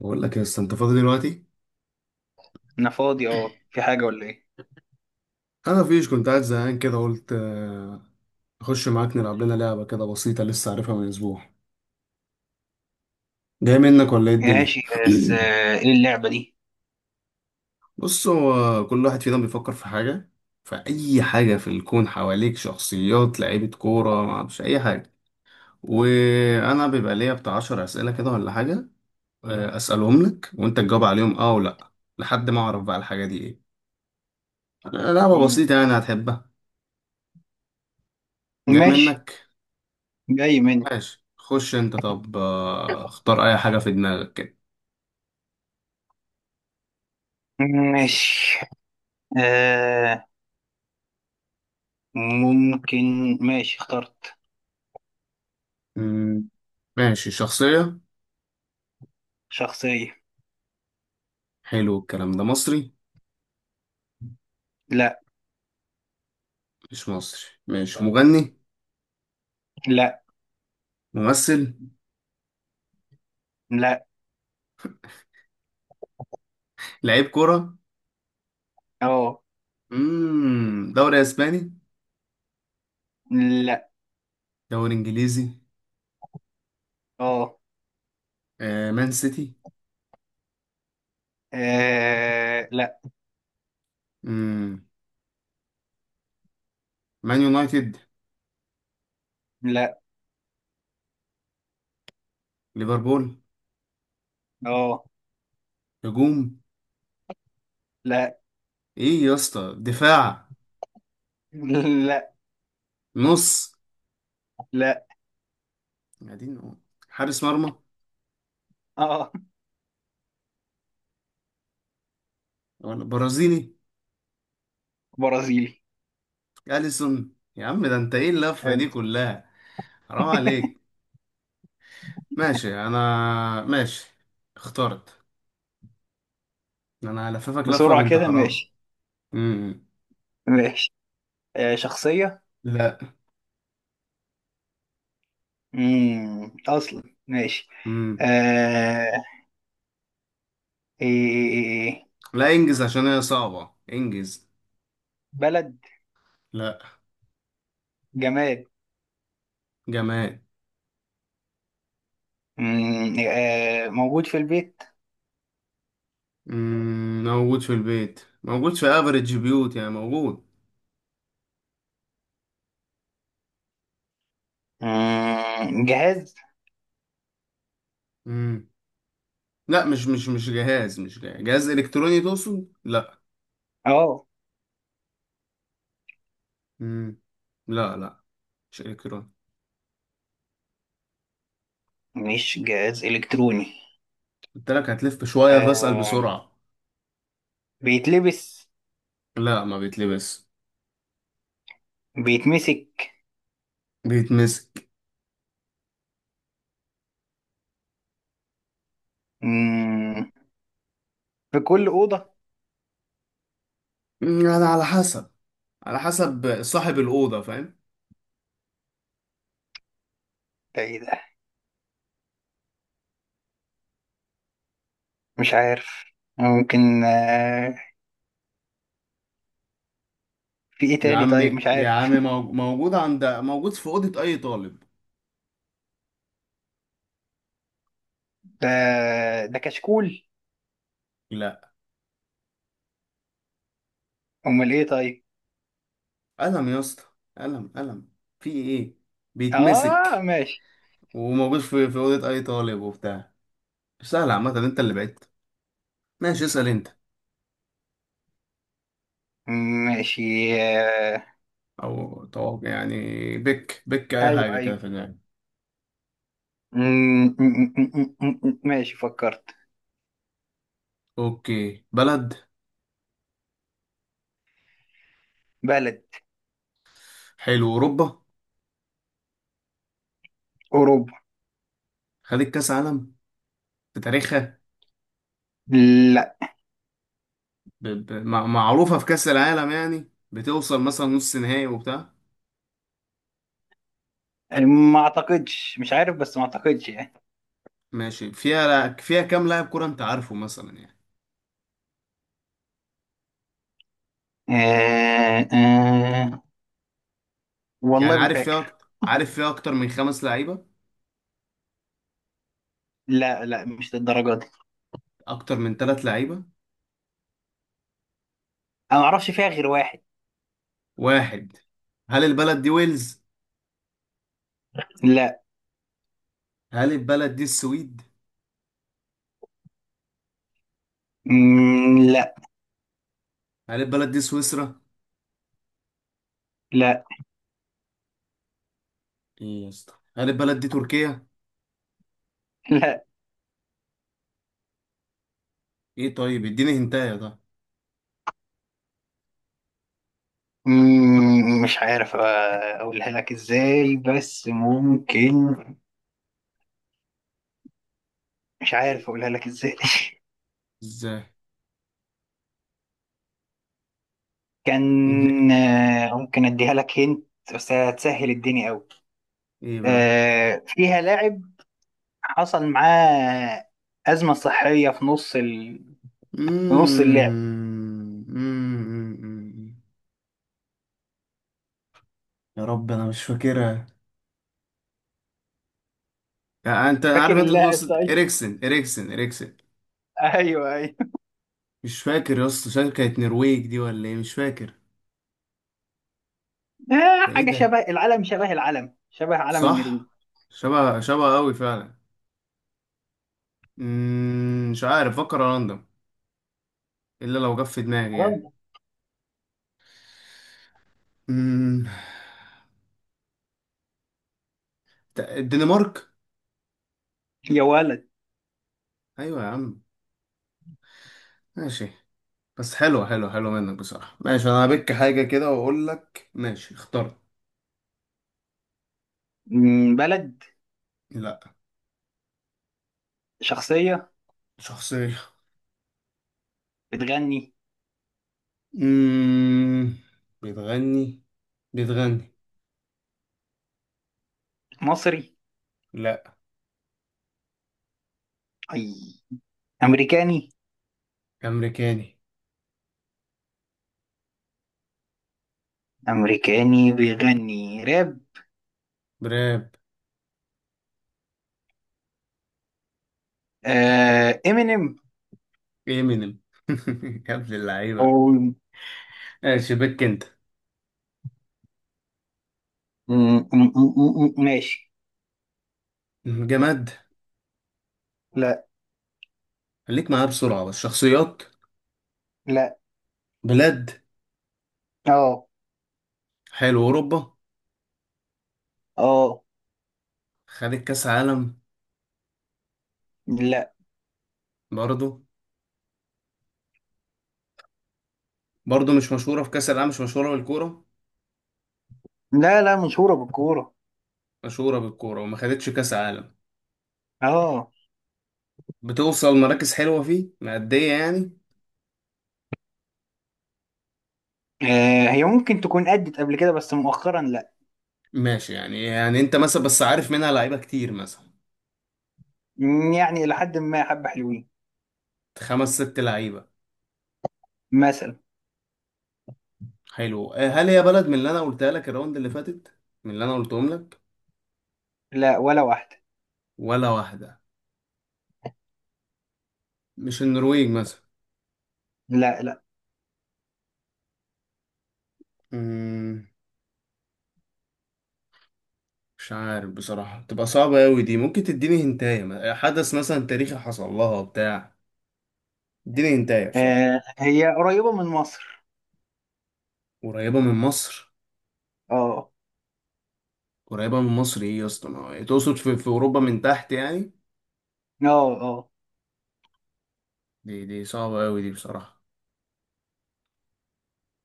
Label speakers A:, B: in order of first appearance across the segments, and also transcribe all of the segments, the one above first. A: بقول لك يا اسطى انت فاضي دلوقتي.
B: انا فاضي، اه، في حاجة ولا ايه؟
A: انا فيش، كنت قاعد زهقان كده قلت اخش معاك نلعب لنا لعبه كده بسيطه، لسه عارفها من اسبوع. جاي منك ولا ايه الدنيا؟
B: ماشي. بس ايه اللعبة دي؟
A: بص، هو كل واحد فينا بيفكر في حاجه، في اي حاجه في الكون حواليك، شخصيات، لعيبه كوره، ما اعرفش اي حاجه. وانا بيبقى ليا بتاع 10 اسئله كده ولا حاجه، اسالهم لك وانت تجاوب عليهم اه ولا لأ، لحد ما اعرف بقى الحاجه دي ايه. لعبه
B: مم.
A: بسيطه يعني، هتحبها. جاي
B: ماشي.
A: منك؟
B: جاي مني.
A: ماشي، خش انت. طب اختار اي حاجة في دماغك كده.
B: ماشي. آه. ممكن. ماشي، اخترت.
A: مم. ماشي، شخصية.
B: شخصية.
A: حلو. الكلام ده مصري؟
B: لا.
A: مش مصري. ماشي، مغني؟
B: لا.
A: ممثل؟
B: لا.
A: لعيب كرة؟
B: اه.
A: مم. دوري اسباني؟
B: لا.
A: دوري انجليزي؟
B: اه.
A: آه. مان سيتي؟
B: آه، لا.
A: مم. مان يونايتد؟
B: لا.
A: ليفربول؟
B: اه.
A: هجوم؟
B: لا.
A: ايه يا اسطى، دفاع؟
B: لا.
A: نص؟
B: لا.
A: قاعدين نقول. حارس مرمى؟
B: اه.
A: ولا برازيلي؟
B: برازيلي.
A: اليسون، يا عم ده انت ايه اللفة دي
B: ألف.
A: كلها؟ حرام عليك. ماشي انا. ماشي، اخترت. انا هلففك لفة
B: بسرعة
A: بنت
B: كده،
A: حرام.
B: ماشي.
A: امم
B: ماشي. آه، شخصية.
A: لا.
B: مم. أصلا. ماشي.
A: امم
B: آه. إيه، إيه، إيه، إيه. إيه.
A: لا، انجز عشان هي صعبة، انجز.
B: بلد.
A: لا،
B: جماد.
A: جماد.
B: موجود في البيت.
A: موجود في البيت، موجود في افريج بيوت، يعني موجود.
B: جهاز.
A: امم لا، مش جهاز الكتروني تقصد؟ لا.
B: اه.
A: امم لا لا، مش الكتروني.
B: مش جهاز إلكتروني.
A: قلت لك هتلف شوية، فاسأل
B: آه،
A: بسرعة.
B: بيتلبس.
A: لا، ما بيتلبس.
B: بيتمسك.
A: بيتمسك.
B: مم، في كل أوضة.
A: مم، يعني على حسب، على حسب صاحب الأوضة، فاهم.
B: ده إيه ده؟ مش عارف. ممكن. في إيه
A: يا
B: تاني؟
A: عم،
B: طيب، مش
A: يا
B: عارف.
A: عم، موجود عند، موجود في أوضة أي طالب.
B: ده ده كشكول.
A: لا.
B: أمال إيه؟ طيب.
A: قلم يا اسطى، قلم قلم. في إيه؟
B: آه،
A: بيتمسك،
B: ماشي.
A: وموجود في أوضة أي طالب وبتاع. سهل عامة، أنت اللي بعدت. ماشي، اسأل أنت.
B: ماشي. آه،
A: أو توقع يعني. بك أي
B: أيوه،
A: حاجة كده
B: أيوه.
A: في دماغك.
B: ماشي، فكرت.
A: أوكي، بلد.
B: بلد.
A: حلو، أوروبا.
B: أوروبا.
A: خدت كأس عالم في تاريخها؟
B: لا.
A: معروفة في كأس العالم يعني، بتوصل مثلا نص نهائي وبتاع؟
B: ما أعتقدش، مش عارف، بس ما أعتقدش يعني.
A: ماشي، فيها كام لاعب كرة أنت عارفه مثلا يعني؟
B: آه، آه.
A: يعني
B: والله ما
A: عارف فيها
B: فاكر.
A: أكتر، عارف فيها أكتر من 5 لعيبة؟
B: لا، لا، مش للدرجة دي.
A: أكتر من 3 لعيبة؟
B: أنا ما أعرفش فيها غير واحد.
A: واحد؟ هل البلد دي ويلز؟
B: لا.
A: هل البلد دي السويد؟
B: لا.
A: هل البلد دي سويسرا؟
B: لا.
A: إيه يا اسطى، هل البلد دي تركيا؟
B: لا.
A: إيه طيب، اديني هنتايا ده.
B: مش عارف أقولها لك إزاي، بس ممكن. مش عارف أقولها لك إزاي.
A: إزاي؟ اديني-.
B: كان. ممكن أديها لك هنت. بس هتسهل الدنيا أوي.
A: إيه بقى؟
B: فيها لاعب. حصل معاه أزمة صحية
A: مم.
B: في نص اللعب.
A: مم. مم. مم. يا رب، أنا مش فاكرها. يعني أنت
B: فاكر
A: عارف، أنت
B: اللاعب؟
A: تقصد
B: طيب.
A: إريكسن، إريكسن، إريكسن؟
B: ايوه، ايوه.
A: مش فاكر يا اسطى، شكلها كانت نرويج دي ولا إيه؟ مش فاكر. ده إيه
B: حاجة
A: ده؟
B: شبه العلم، شبه العلم، شبه علم النرويج.
A: صح. شبه قوي فعلا. مم، مش عارف، فكر راندوم، الا لو جه في دماغي يعني.
B: خلاص.
A: مم، الدنمارك؟
B: يا ولد.
A: ايوه يا عم. ماشي. بس حلوه حلوه حلوه منك بصراحه. ماشي، انا هبك حاجه كده واقول لك. ماشي، اخترت.
B: بلد.
A: لا.
B: شخصية.
A: شخصيه.
B: بتغني.
A: مم، بتغني. بتغني.
B: مصري؟
A: لا.
B: أي. أمريكاني؟
A: امريكاني.
B: أمريكاني بيغني راب.
A: براب.
B: آه، إمينيم.
A: امينيم. يا ابن اللعيبه.
B: أو.
A: ماشي، بك انت.
B: مم، ماشي.
A: جماد؟
B: لا.
A: خليك معايا بسرعه، بس. شخصيات؟
B: لا.
A: بلاد؟
B: اه.
A: حلو، اوروبا.
B: اه.
A: خدت كاس عالم؟
B: لا،
A: برضو. برضو مش مشهوره في كاس العالم، مش مشهوره بالكوره؟
B: لا، لا مشهورة بالكورة.
A: مشهوره بالكوره وما خدتش كاس عالم؟
B: اه.
A: بتوصل مراكز حلوه فيه، مأدية يعني؟
B: هي ممكن تكون أدت قبل كده، بس مؤخرا لا.
A: ماشي، يعني يعني انت مثلا بس عارف منها لعيبه كتير مثلا؟
B: يعني إلى حد ما حبة حلوين.
A: 5 ست لعيبه؟
B: مثلا.
A: حلو. هل هي بلد من اللي انا قلتها لك الراوند اللي فاتت، من اللي انا قلتهم لك؟
B: لا، ولا واحدة.
A: ولا واحده؟ مش النرويج مثلا؟
B: لا، لا.
A: مم، مش عارف بصراحه، تبقى صعبه قوي دي، ممكن تديني هنتايه حدث مثلا تاريخي حصل لها بتاع اديني انتايه بصراحه.
B: هي قريبة من مصر.
A: قريبه من مصر؟
B: اه.
A: قريبه من مصر ايه يا اسطى، ما هو- تقصد في, في اوروبا من تحت يعني؟
B: اه، اه.
A: دي صعبه قوي دي بصراحه.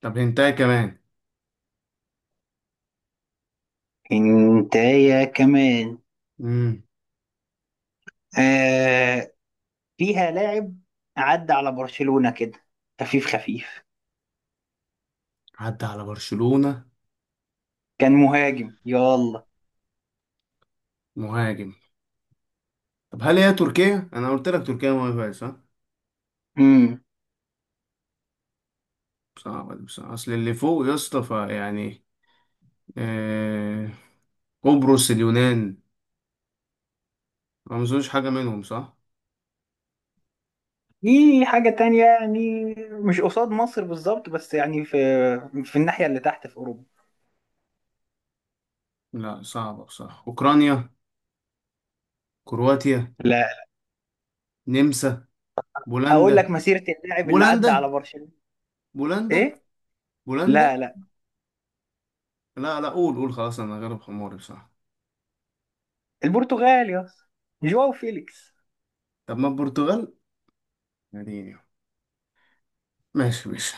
A: طب هنتايه كمان؟
B: انت يا كمان؟
A: امم
B: آه، فيها لاعب عدى على برشلونة كده. خفيف، خفيف.
A: عدى على برشلونه.
B: كان مهاجم، يلا.
A: مهاجم. طب هل هي تركيا؟ انا قلت لك تركيا مهاجم صح.
B: امم
A: صعبه دي بصراحه، اصل اللي فوق يا اسطى فيعني آه... قبرص، اليونان، ما اظنش حاجه منهم صح؟
B: في حاجة تانية يعني. مش قصاد مصر بالظبط، بس يعني في الناحية اللي تحت في أوروبا.
A: لا صعبه بصراحه. اوكرانيا؟ كرواتيا؟
B: لا.
A: نمسا؟ بولندا؟
B: اقول لك مسيرة اللاعب اللي عدى
A: بولندا؟
B: على برشلونة.
A: بولندا؟
B: ايه.
A: بولندا؟
B: لا، لا.
A: لا لا، قول قول خلاص، انا غلب حماري بصراحة.
B: البرتغال يا اسطى. جواو فيليكس.
A: طب ما البرتغال يعني. ماشي ماشي.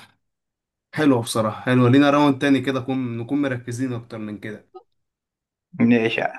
A: حلوة بصراحة، حلوة لينا. راوند تاني كده، نكون مركزين اكتر من كده.
B: نعشة